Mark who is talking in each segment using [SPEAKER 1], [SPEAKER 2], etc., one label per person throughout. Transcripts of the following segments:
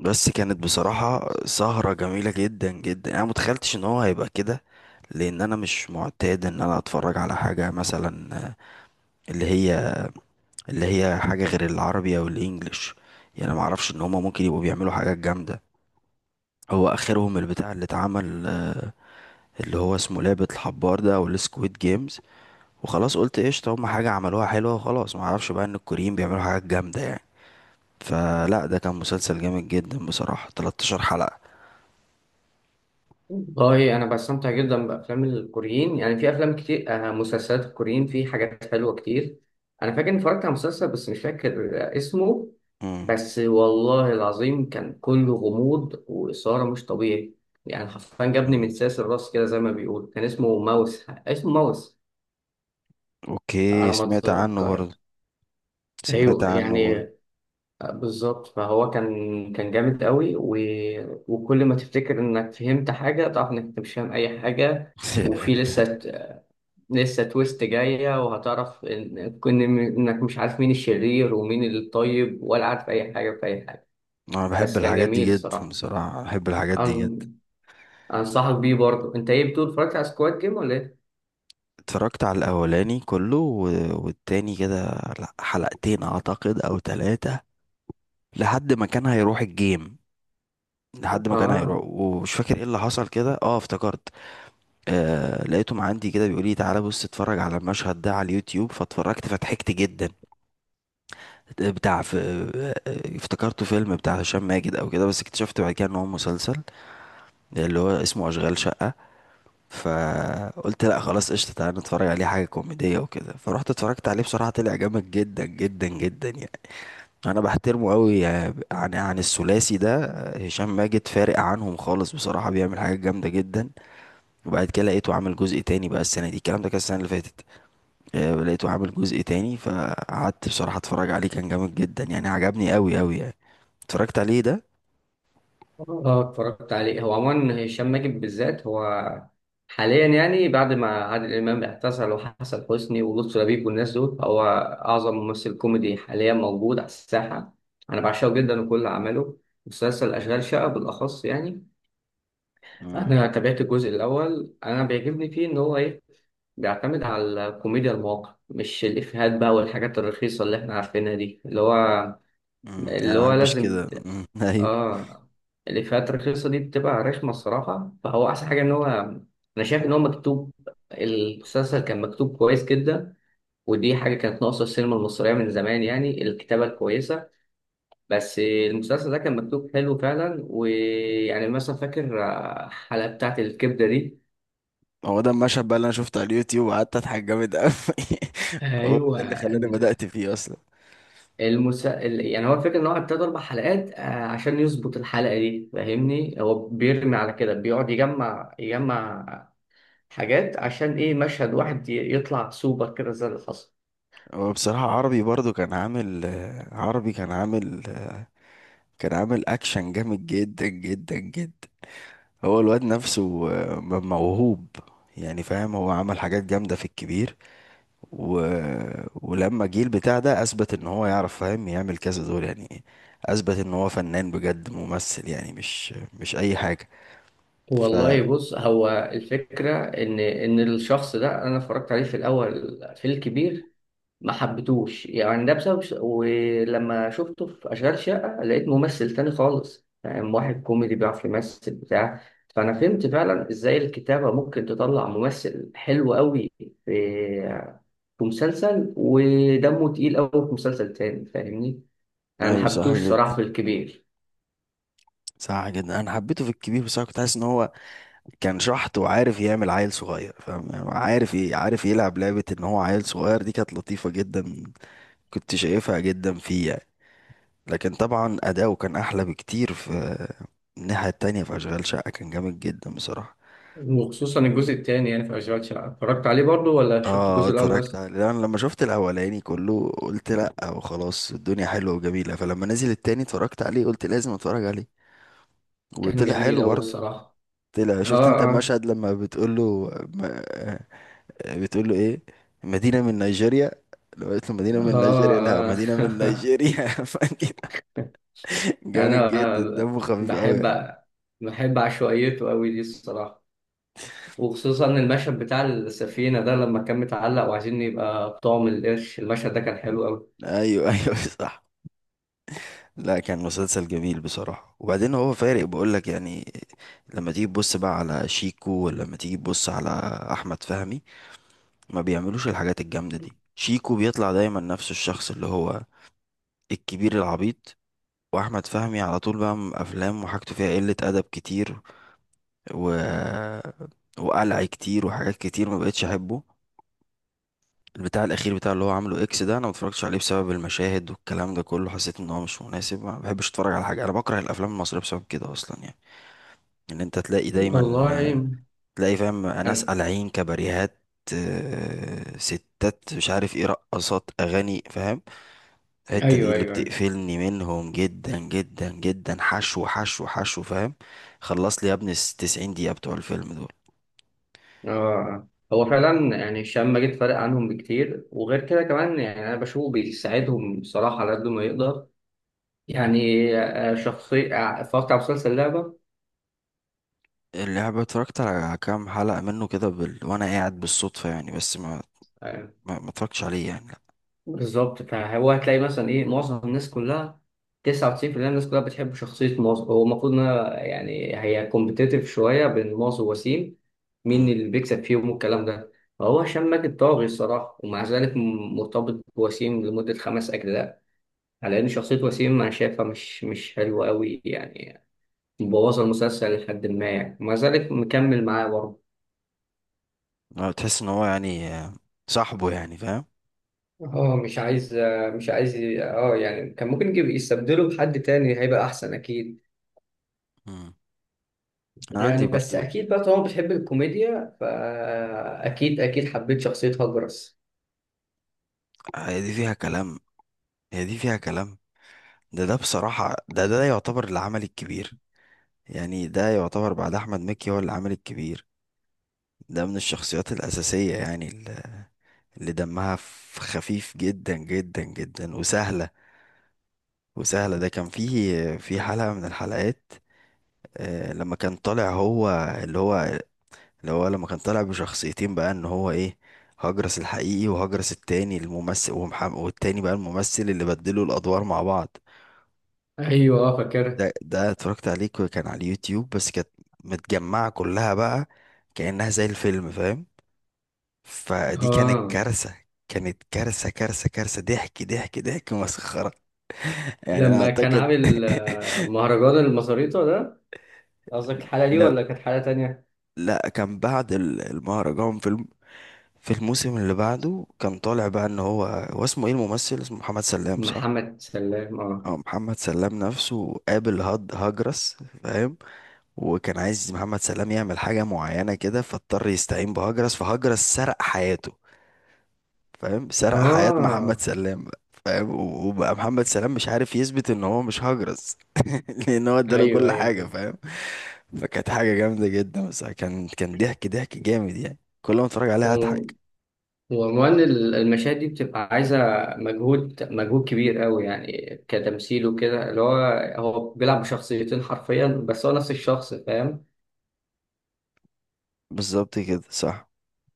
[SPEAKER 1] بس كانت بصراحة سهرة جميلة جدا جدا، انا متخيلتش ان هو هيبقى كده. لان انا مش معتاد ان انا اتفرج على حاجة مثلا اللي هي اللي هي حاجة غير العربي او الانجليش. يعني ما اعرفش ان هما ممكن يبقوا بيعملوا حاجات جامدة. هو اخرهم البتاع اللي اتعمل، اللي هو اسمه لعبة الحبار ده او السكويد جيمز. وخلاص قلت قشطة، هما حاجة عملوها حلوة وخلاص، ما اعرفش بقى ان الكوريين بيعملوا حاجات جامدة يعني. فلا، ده كان مسلسل جامد جدا بصراحة، 13 حلقة.
[SPEAKER 2] والله انا بستمتع جدا بافلام الكوريين، يعني في افلام كتير. مسلسلات الكوريين في حاجات حلوه كتير. انا فاكر اني اتفرجت على مسلسل بس مش فاكر اسمه.
[SPEAKER 1] مم.
[SPEAKER 2] بس والله العظيم كان كله غموض واثاره مش طبيعي، يعني حرفيا جابني من ساس الراس كده، زي ما بيقول كان اسمه ماوس، اسمه ماوس
[SPEAKER 1] اوكي
[SPEAKER 2] على ما
[SPEAKER 1] سمعت عنه
[SPEAKER 2] اتذكر.
[SPEAKER 1] برضه. سمعت
[SPEAKER 2] ايوه
[SPEAKER 1] عنه
[SPEAKER 2] يعني.
[SPEAKER 1] برضه.
[SPEAKER 2] بالظبط، فهو كان جامد قوي. وكل ما تفتكر انك فهمت حاجه تعرف انك أنت مش فاهم اي حاجه. وفي لسه لسه تويست جاية، وهتعرف إن كن إنك مش عارف مين الشرير ومين الطيب، ولا عارف أي حاجة في أي حاجة.
[SPEAKER 1] انا بحب
[SPEAKER 2] بس كان
[SPEAKER 1] الحاجات دي
[SPEAKER 2] جميل
[SPEAKER 1] جدا
[SPEAKER 2] الصراحة.
[SPEAKER 1] بصراحة، بحب الحاجات دي
[SPEAKER 2] أن...
[SPEAKER 1] جدا.
[SPEAKER 2] أنصحك بيه برضه. أنت إيه بتقول، اتفرجت على سكواد جيم ولا إيه؟
[SPEAKER 1] اتفرجت على الاولاني كله والتاني كده. لا، حلقتين اعتقد او ثلاثة. لحد ما كان هيروح الجيم. لحد ما كان هيروح
[SPEAKER 2] آه،
[SPEAKER 1] ومش فاكر ايه اللي حصل كده، اه افتكرت. آه لقيتهم عندي كده بيقول لي تعالى بص اتفرج على المشهد ده على اليوتيوب، فاتفرجت فضحكت جدا. بتاع في افتكرته فيلم بتاع هشام ماجد او كده، بس اكتشفت بعد كده ان هو مسلسل اللي هو اسمه أشغال شقة. فقلت لا خلاص قشطة، تعالى نتفرج عليه حاجة كوميدية وكده. فروحت اتفرجت عليه بصراحة طلع جامد جدا جدا جدا يعني. أنا بحترمه قوي، عن عن الثلاثي ده، هشام ماجد فارق عنهم خالص بصراحة، بيعمل حاجات جامدة جدا. وبعد كده لقيته عامل جزء تاني بقى السنة دي، الكلام ده كان السنة اللي فاتت. لقيته عامل جزء تاني، فقعدت بصراحة اتفرج عليه كان جامد جدا يعني، عجبني قوي قوي يعني. اتفرجت عليه ده.
[SPEAKER 2] آه، اتفرجت عليه. هو عموما هشام ماجد بالذات، هو حاليا يعني بعد ما عادل إمام اعتزل وحسن حسني ولطفي لبيب والناس دول، هو أعظم ممثل كوميدي حاليا موجود على الساحة. أنا بعشقه جدا وكل أعماله. مسلسل أشغال شقة بالأخص يعني.
[SPEAKER 1] امم
[SPEAKER 2] انا تابعت الجزء الاول. انا بيعجبني فيه ان هو ايه، بيعتمد على الكوميديا المواقع، مش الافيهات بقى والحاجات الرخيصه اللي احنا عارفينها دي. اللي هو
[SPEAKER 1] انا
[SPEAKER 2] اللي
[SPEAKER 1] ما
[SPEAKER 2] هو
[SPEAKER 1] بحبش
[SPEAKER 2] لازم
[SPEAKER 1] كده.
[SPEAKER 2] ت...
[SPEAKER 1] ايوه،
[SPEAKER 2] اه الافيهات الرخيصه دي بتبقى رخمه الصراحه، فهو احسن حاجه ان هو انا شايف ان هو مكتوب. المسلسل كان مكتوب كويس جدا، ودي حاجه كانت ناقصه السينما المصريه من زمان، يعني الكتابه الكويسه. بس المسلسل ده كان مكتوب حلو فعلا، ويعني مثلا فاكر الحلقه بتاعت الكبده دي.
[SPEAKER 1] هو ده المشهد بقى اللي انا شفته على اليوتيوب وقعدت اضحك جامد قوي. هو
[SPEAKER 2] ايوه.
[SPEAKER 1] ده اللي خلاني
[SPEAKER 2] ال-
[SPEAKER 1] بدأت فيه اصلا.
[SPEAKER 2] يعني هو الفكره ان هو ابتدى 4 حلقات عشان يظبط الحلقه دي، فاهمني؟ هو بيرمي على كده، بيقعد يجمع حاجات عشان ايه، مشهد واحد يطلع سوبر كده، زي اللي حصل.
[SPEAKER 1] هو بصراحة عربي برضو كان عامل، عربي كان عامل، كان عامل اكشن جامد جدا جدا جدا. هو الواد نفسه موهوب يعني، فاهم هو عمل حاجات جامدة في الكبير. و... ولما جه البتاع ده اثبت ان هو يعرف فاهم يعمل كذا دور يعني. اثبت ان هو فنان بجد، ممثل يعني، مش اي حاجة. ف
[SPEAKER 2] والله بص، هو الفكره ان الشخص ده انا اتفرجت عليه في الاول في الكبير، ما حبيتوش يعني، ده بسبب. ولما شفته في أشغال شقة لقيت ممثل تاني خالص، يعني واحد كوميدي بيعرف يمثل بتاع. فأنا فهمت فعلا إزاي الكتابة ممكن تطلع ممثل حلو قوي في في مسلسل، ودمه تقيل قوي في مسلسل تاني، فاهمني؟ أنا ما
[SPEAKER 1] ايوه صح
[SPEAKER 2] حبيتوش
[SPEAKER 1] جدا.
[SPEAKER 2] صراحة في الكبير.
[SPEAKER 1] صح جدا، انا حبيته في الكبير بس انا كنت حاسس ان هو كان شحط وعارف يعمل عيل صغير، فاهم يعني، عارف عارف يلعب لعبة ان هو عيل صغير، دي كانت لطيفة جدا، كنت شايفها جدا فيه يعني. لكن طبعا اداؤه كان احلى بكتير في الناحية التانية، في اشغال شقة كان جامد جدا بصراحة.
[SPEAKER 2] وخصوصا الجزء الثاني، يعني في أشغال شقة اتفرجت عليه برضو ولا شفت
[SPEAKER 1] اه
[SPEAKER 2] الجزء الأول
[SPEAKER 1] اتفرجت
[SPEAKER 2] بس؟
[SPEAKER 1] عليه، انا لما شفت الاولاني كله قلت لا وخلاص الدنيا حلوة وجميلة، فلما نزل التاني اتفرجت عليه قلت لازم اتفرج عليه.
[SPEAKER 2] كان
[SPEAKER 1] وطلع
[SPEAKER 2] جميل
[SPEAKER 1] حلو
[SPEAKER 2] قوي
[SPEAKER 1] برضه.
[SPEAKER 2] الصراحة.
[SPEAKER 1] طلع،
[SPEAKER 2] آه،
[SPEAKER 1] شفت انت
[SPEAKER 2] آه.
[SPEAKER 1] المشهد لما بتقول له، بتقول له ايه، مدينة من نيجيريا. لو قلت له مدينة
[SPEAKER 2] آه،
[SPEAKER 1] من نيجيريا، لا مدينة من
[SPEAKER 2] آه.
[SPEAKER 1] نيجيريا. فاكر؟
[SPEAKER 2] يعني
[SPEAKER 1] جامد جدا،
[SPEAKER 2] أنا
[SPEAKER 1] دمه خفيف قوي يعني.
[SPEAKER 2] بحب، بحب عشوائيته أوي دي الصراحة. وخصوصا المشهد بتاع السفينة ده، لما كان متعلق وعايزين يبقى طعم القرش، المشهد ده كان حلو أوي.
[SPEAKER 1] ايوه ايوه صح. لا كان مسلسل جميل بصراحة، وبعدين هو فارق بقول لك يعني. لما تيجي تبص بقى على شيكو، ولما تيجي تبص على احمد فهمي، ما بيعملوش الحاجات الجامدة دي. شيكو بيطلع دايما نفس الشخص اللي هو الكبير العبيط. واحمد فهمي على طول بقى افلام وحاجته فيها قلة ادب كتير، و... وقلع كتير وحاجات كتير، ما بقتش احبه. البتاع الاخير بتاع اللي هو عامله اكس ده انا ما اتفرجتش عليه بسبب المشاهد والكلام ده كله، حسيت ان هو مش مناسب. ما بحبش اتفرج على حاجه، انا بكره الافلام المصريه بسبب كده اصلا يعني. ان انت تلاقي دايما،
[SPEAKER 2] والله
[SPEAKER 1] تلاقي فاهم ناس
[SPEAKER 2] أنا...
[SPEAKER 1] قالعين كباريهات، ستات مش عارف ايه، رقصات اغاني فاهم، الحته دي
[SPEAKER 2] أيوه، أيوه،
[SPEAKER 1] اللي
[SPEAKER 2] أيوه.
[SPEAKER 1] بتقفلني منهم جدا جدا جدا. حشو حشو حشو فاهم، خلص لي يا ابني 90 دقيقه بتوع الفيلم دول.
[SPEAKER 2] آه. هو فعلا يعني، الشام ماجد فارق عنهم بكتير. وغير كده كمان، يعني أنا بشوفه بيساعدهم بصراحة على قد ما يقدر. يعني شخصية، اتفرجت على مسلسل لعبة.
[SPEAKER 1] اللعبة اتفرجت على كام حلقة منه كده وانا قاعد بالصدفة يعني، بس ما
[SPEAKER 2] آه،
[SPEAKER 1] ما, ما اتفرجتش عليه يعني، لا.
[SPEAKER 2] بالظبط، فهو هتلاقي مثلا ايه، معظم الناس كلها، 99% الناس كلها بتحب شخصية موز. هو المفروض انها، يعني هي كومبتيتيف شوية بين موز ووسيم، مين
[SPEAKER 1] مم.
[SPEAKER 2] اللي بيكسب فيهم والكلام ده. فهو هشام ماجد طاغي الصراحة، ومع ذلك مرتبط بوسيم لمدة 5 أجزاء، على إن شخصية وسيم أنا شايفها مش حلوة أوي يعني، مبوظة المسلسل لحد ما يعني، ومع ذلك مكمل معاه برضه.
[SPEAKER 1] لا، تحس ان هو يعني، صاحبه يعني فاهم.
[SPEAKER 2] مش عايز يعني، كان ممكن يجيب يستبدله بحد تاني هيبقى احسن اكيد.
[SPEAKER 1] مم. انا عندي
[SPEAKER 2] يعني بس
[SPEAKER 1] برضو.
[SPEAKER 2] اكيد بقى طالما بتحب الكوميديا، فاكيد اكيد حبيت شخصية هجرس.
[SPEAKER 1] هي دي فيها كلام. هي دي فيها كلام. ده بصراحة، ده يعتبر العمل الكبير يعني، ده يعتبر بعد احمد مكي هو العمل الكبير. ده من الشخصيات الأساسية يعني، اللي دمها خفيف جدا جدا جدا وسهلة. ده كان فيه في حلقة من الحلقات، لما كان طالع هو اللي هو اللي هو لما كان طالع بشخصيتين بقى ان هو ايه، هجرس الحقيقي وهجرس التاني الممثل، ومحمد والتاني بقى الممثل، اللي بدلوا الادوار مع بعض.
[SPEAKER 2] ايوه، اه، فاكرها.
[SPEAKER 1] ده اتفرجت عليه، كان على اليوتيوب بس كانت متجمعة كلها بقى كأنها زي الفيلم فاهم. فدي كانت
[SPEAKER 2] اه،
[SPEAKER 1] كارثة، كانت كارثة كارثة، ضحك ضحك ضحك مسخرة. يعني انا
[SPEAKER 2] لما كان
[SPEAKER 1] اعتقد.
[SPEAKER 2] عامل مهرجان المصاريطه ده، قصدك الحلقه دي
[SPEAKER 1] لا،
[SPEAKER 2] ولا كانت حلقه تانية؟
[SPEAKER 1] لا كان بعد المهرجان فيلم. في الموسم اللي بعده كان طالع بقى ان هو اسمه ايه الممثل، اسمه محمد سلام صح.
[SPEAKER 2] محمد سلام، اه.
[SPEAKER 1] اه محمد سلام نفسه قابل هاد هجرس فاهم. وكان عايز محمد سلام يعمل حاجة معينة كده، فاضطر يستعين بهجرس، فهجرس سرق حياته فاهم، سرق حياة محمد
[SPEAKER 2] اه.
[SPEAKER 1] سلام بقى فاهم. وبقى محمد سلام مش عارف يثبت ان هو مش هجرس. لان هو اداله
[SPEAKER 2] ايوه،
[SPEAKER 1] كل
[SPEAKER 2] ايوه،
[SPEAKER 1] حاجة
[SPEAKER 2] ايوه.
[SPEAKER 1] فاهم. فكانت حاجة جامدة جدا، بس كان كان ضحك ضحك جامد يعني، كل ما اتفرج عليها
[SPEAKER 2] و-
[SPEAKER 1] اضحك.
[SPEAKER 2] وعنوان المشاهد دي بتبقى عايزه مجهود، مجهود كبير قوي يعني، كتمثيل وكده. اللي هو، هو بيلعب بشخصيتين حرفيا، بس هو نفس الشخص، فاهم؟
[SPEAKER 1] بالظبط كده صح.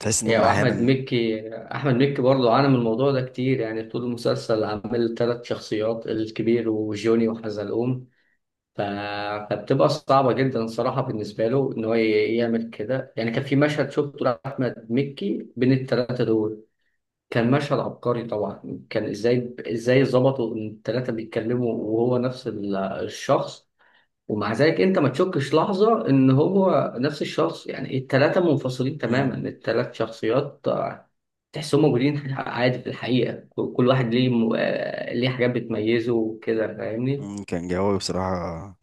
[SPEAKER 1] تحس انهم
[SPEAKER 2] يعني احمد
[SPEAKER 1] احيانا.
[SPEAKER 2] مكي احمد مكي برضه عانى من الموضوع ده كتير. يعني طول المسلسل عامل 3 شخصيات، الكبير وجوني وحزلقوم. ف... فبتبقى صعبه جدا الصراحه بالنسبه له ان هو يعمل كده. يعني كان في مشهد شفته لاحمد مكي بين الثلاثه دول، كان مشهد عبقري طبعا. كان ازاي ظبطوا ان الثلاثه بيتكلموا وهو نفس الشخص. ومع ذلك انت ما تشكش لحظة ان هو نفس الشخص، يعني التلاتة منفصلين تماما،
[SPEAKER 1] مم.
[SPEAKER 2] التلات شخصيات تحسهم موجودين عادي في الحقيقة. كل واحد ليه م... آه، ليه حاجات بتميزه وكده، فاهمني؟
[SPEAKER 1] مم، كان جوي بصراحة،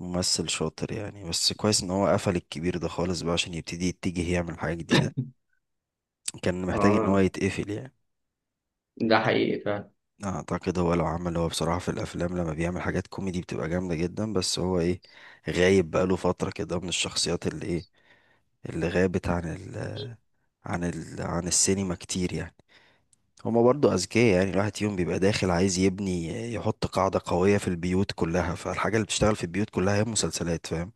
[SPEAKER 1] ممثل شاطر يعني. بس كويس ان هو قفل الكبير ده خالص بقى عشان يبتدي يتجه يعمل حاجة جديدة، كان محتاج ان هو
[SPEAKER 2] اه،
[SPEAKER 1] يتقفل يعني.
[SPEAKER 2] ده حقيقي فعلا.
[SPEAKER 1] اعتقد هو لو عمل، هو بصراحة في الافلام لما بيعمل حاجات كوميدي بتبقى جامدة جدا، بس هو ايه، غايب بقاله فترة كده من الشخصيات، اللي ايه، اللي غابت عن ال عن السينما كتير يعني. هما برضو أذكياء يعني، الواحد فيهم بيبقى داخل عايز يبني، يحط قاعدة قوية في البيوت كلها، فالحاجة اللي بتشتغل في البيوت كلها هي المسلسلات فاهم.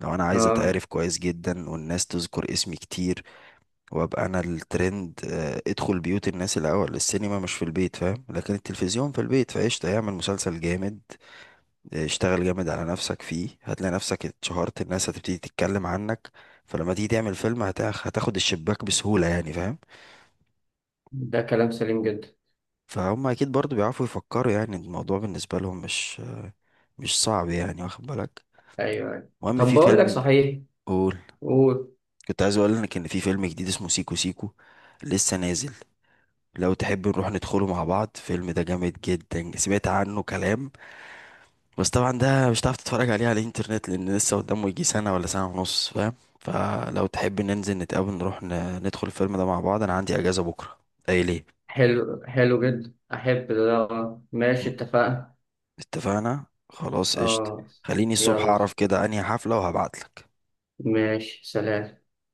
[SPEAKER 1] لو أنا عايز
[SPEAKER 2] اه،
[SPEAKER 1] أتعرف كويس جدا والناس تذكر اسمي كتير وأبقى أنا الترند، ادخل بيوت الناس الأول، السينما مش في البيت فاهم، لكن التلفزيون في البيت، فقشطة يعمل مسلسل جامد. اشتغل جامد على نفسك فيه، هتلاقي نفسك اتشهرت، الناس هتبتدي تتكلم عنك، فلما تيجي تعمل فيلم هتاخد الشباك بسهولة يعني فاهم.
[SPEAKER 2] ده كلام سليم جدا.
[SPEAKER 1] فهم اكيد برضو بيعرفوا يفكروا يعني، الموضوع بالنسبة لهم مش صعب يعني، واخد بالك.
[SPEAKER 2] ايوه، أيوة.
[SPEAKER 1] المهم
[SPEAKER 2] طب
[SPEAKER 1] في
[SPEAKER 2] بقول لك
[SPEAKER 1] فيلم،
[SPEAKER 2] صحيح.
[SPEAKER 1] قول.
[SPEAKER 2] قول.
[SPEAKER 1] كنت عايز اقول لك ان في فيلم جديد اسمه سيكو سيكو، لسه نازل. لو تحب نروح ندخله مع بعض، الفيلم ده جامد جدا، سمعت عنه كلام. بس طبعا ده مش هتعرف تتفرج عليه على الانترنت لان لسه قدامه يجي سنة ولا سنة ونص فاهم. فلو تحب ننزل نتقابل نروح ندخل الفيلم ده مع بعض، انا عندي اجازة بكرة. ايه ليه.
[SPEAKER 2] حلو، حلو جدا، احب ده. آه. ماشي، اتفقنا.
[SPEAKER 1] اتفقنا خلاص قشطة.
[SPEAKER 2] اه.
[SPEAKER 1] خليني الصبح
[SPEAKER 2] يلا،
[SPEAKER 1] اعرف كده انهي حفلة وهبعتلك.
[SPEAKER 2] ماشي، سلام.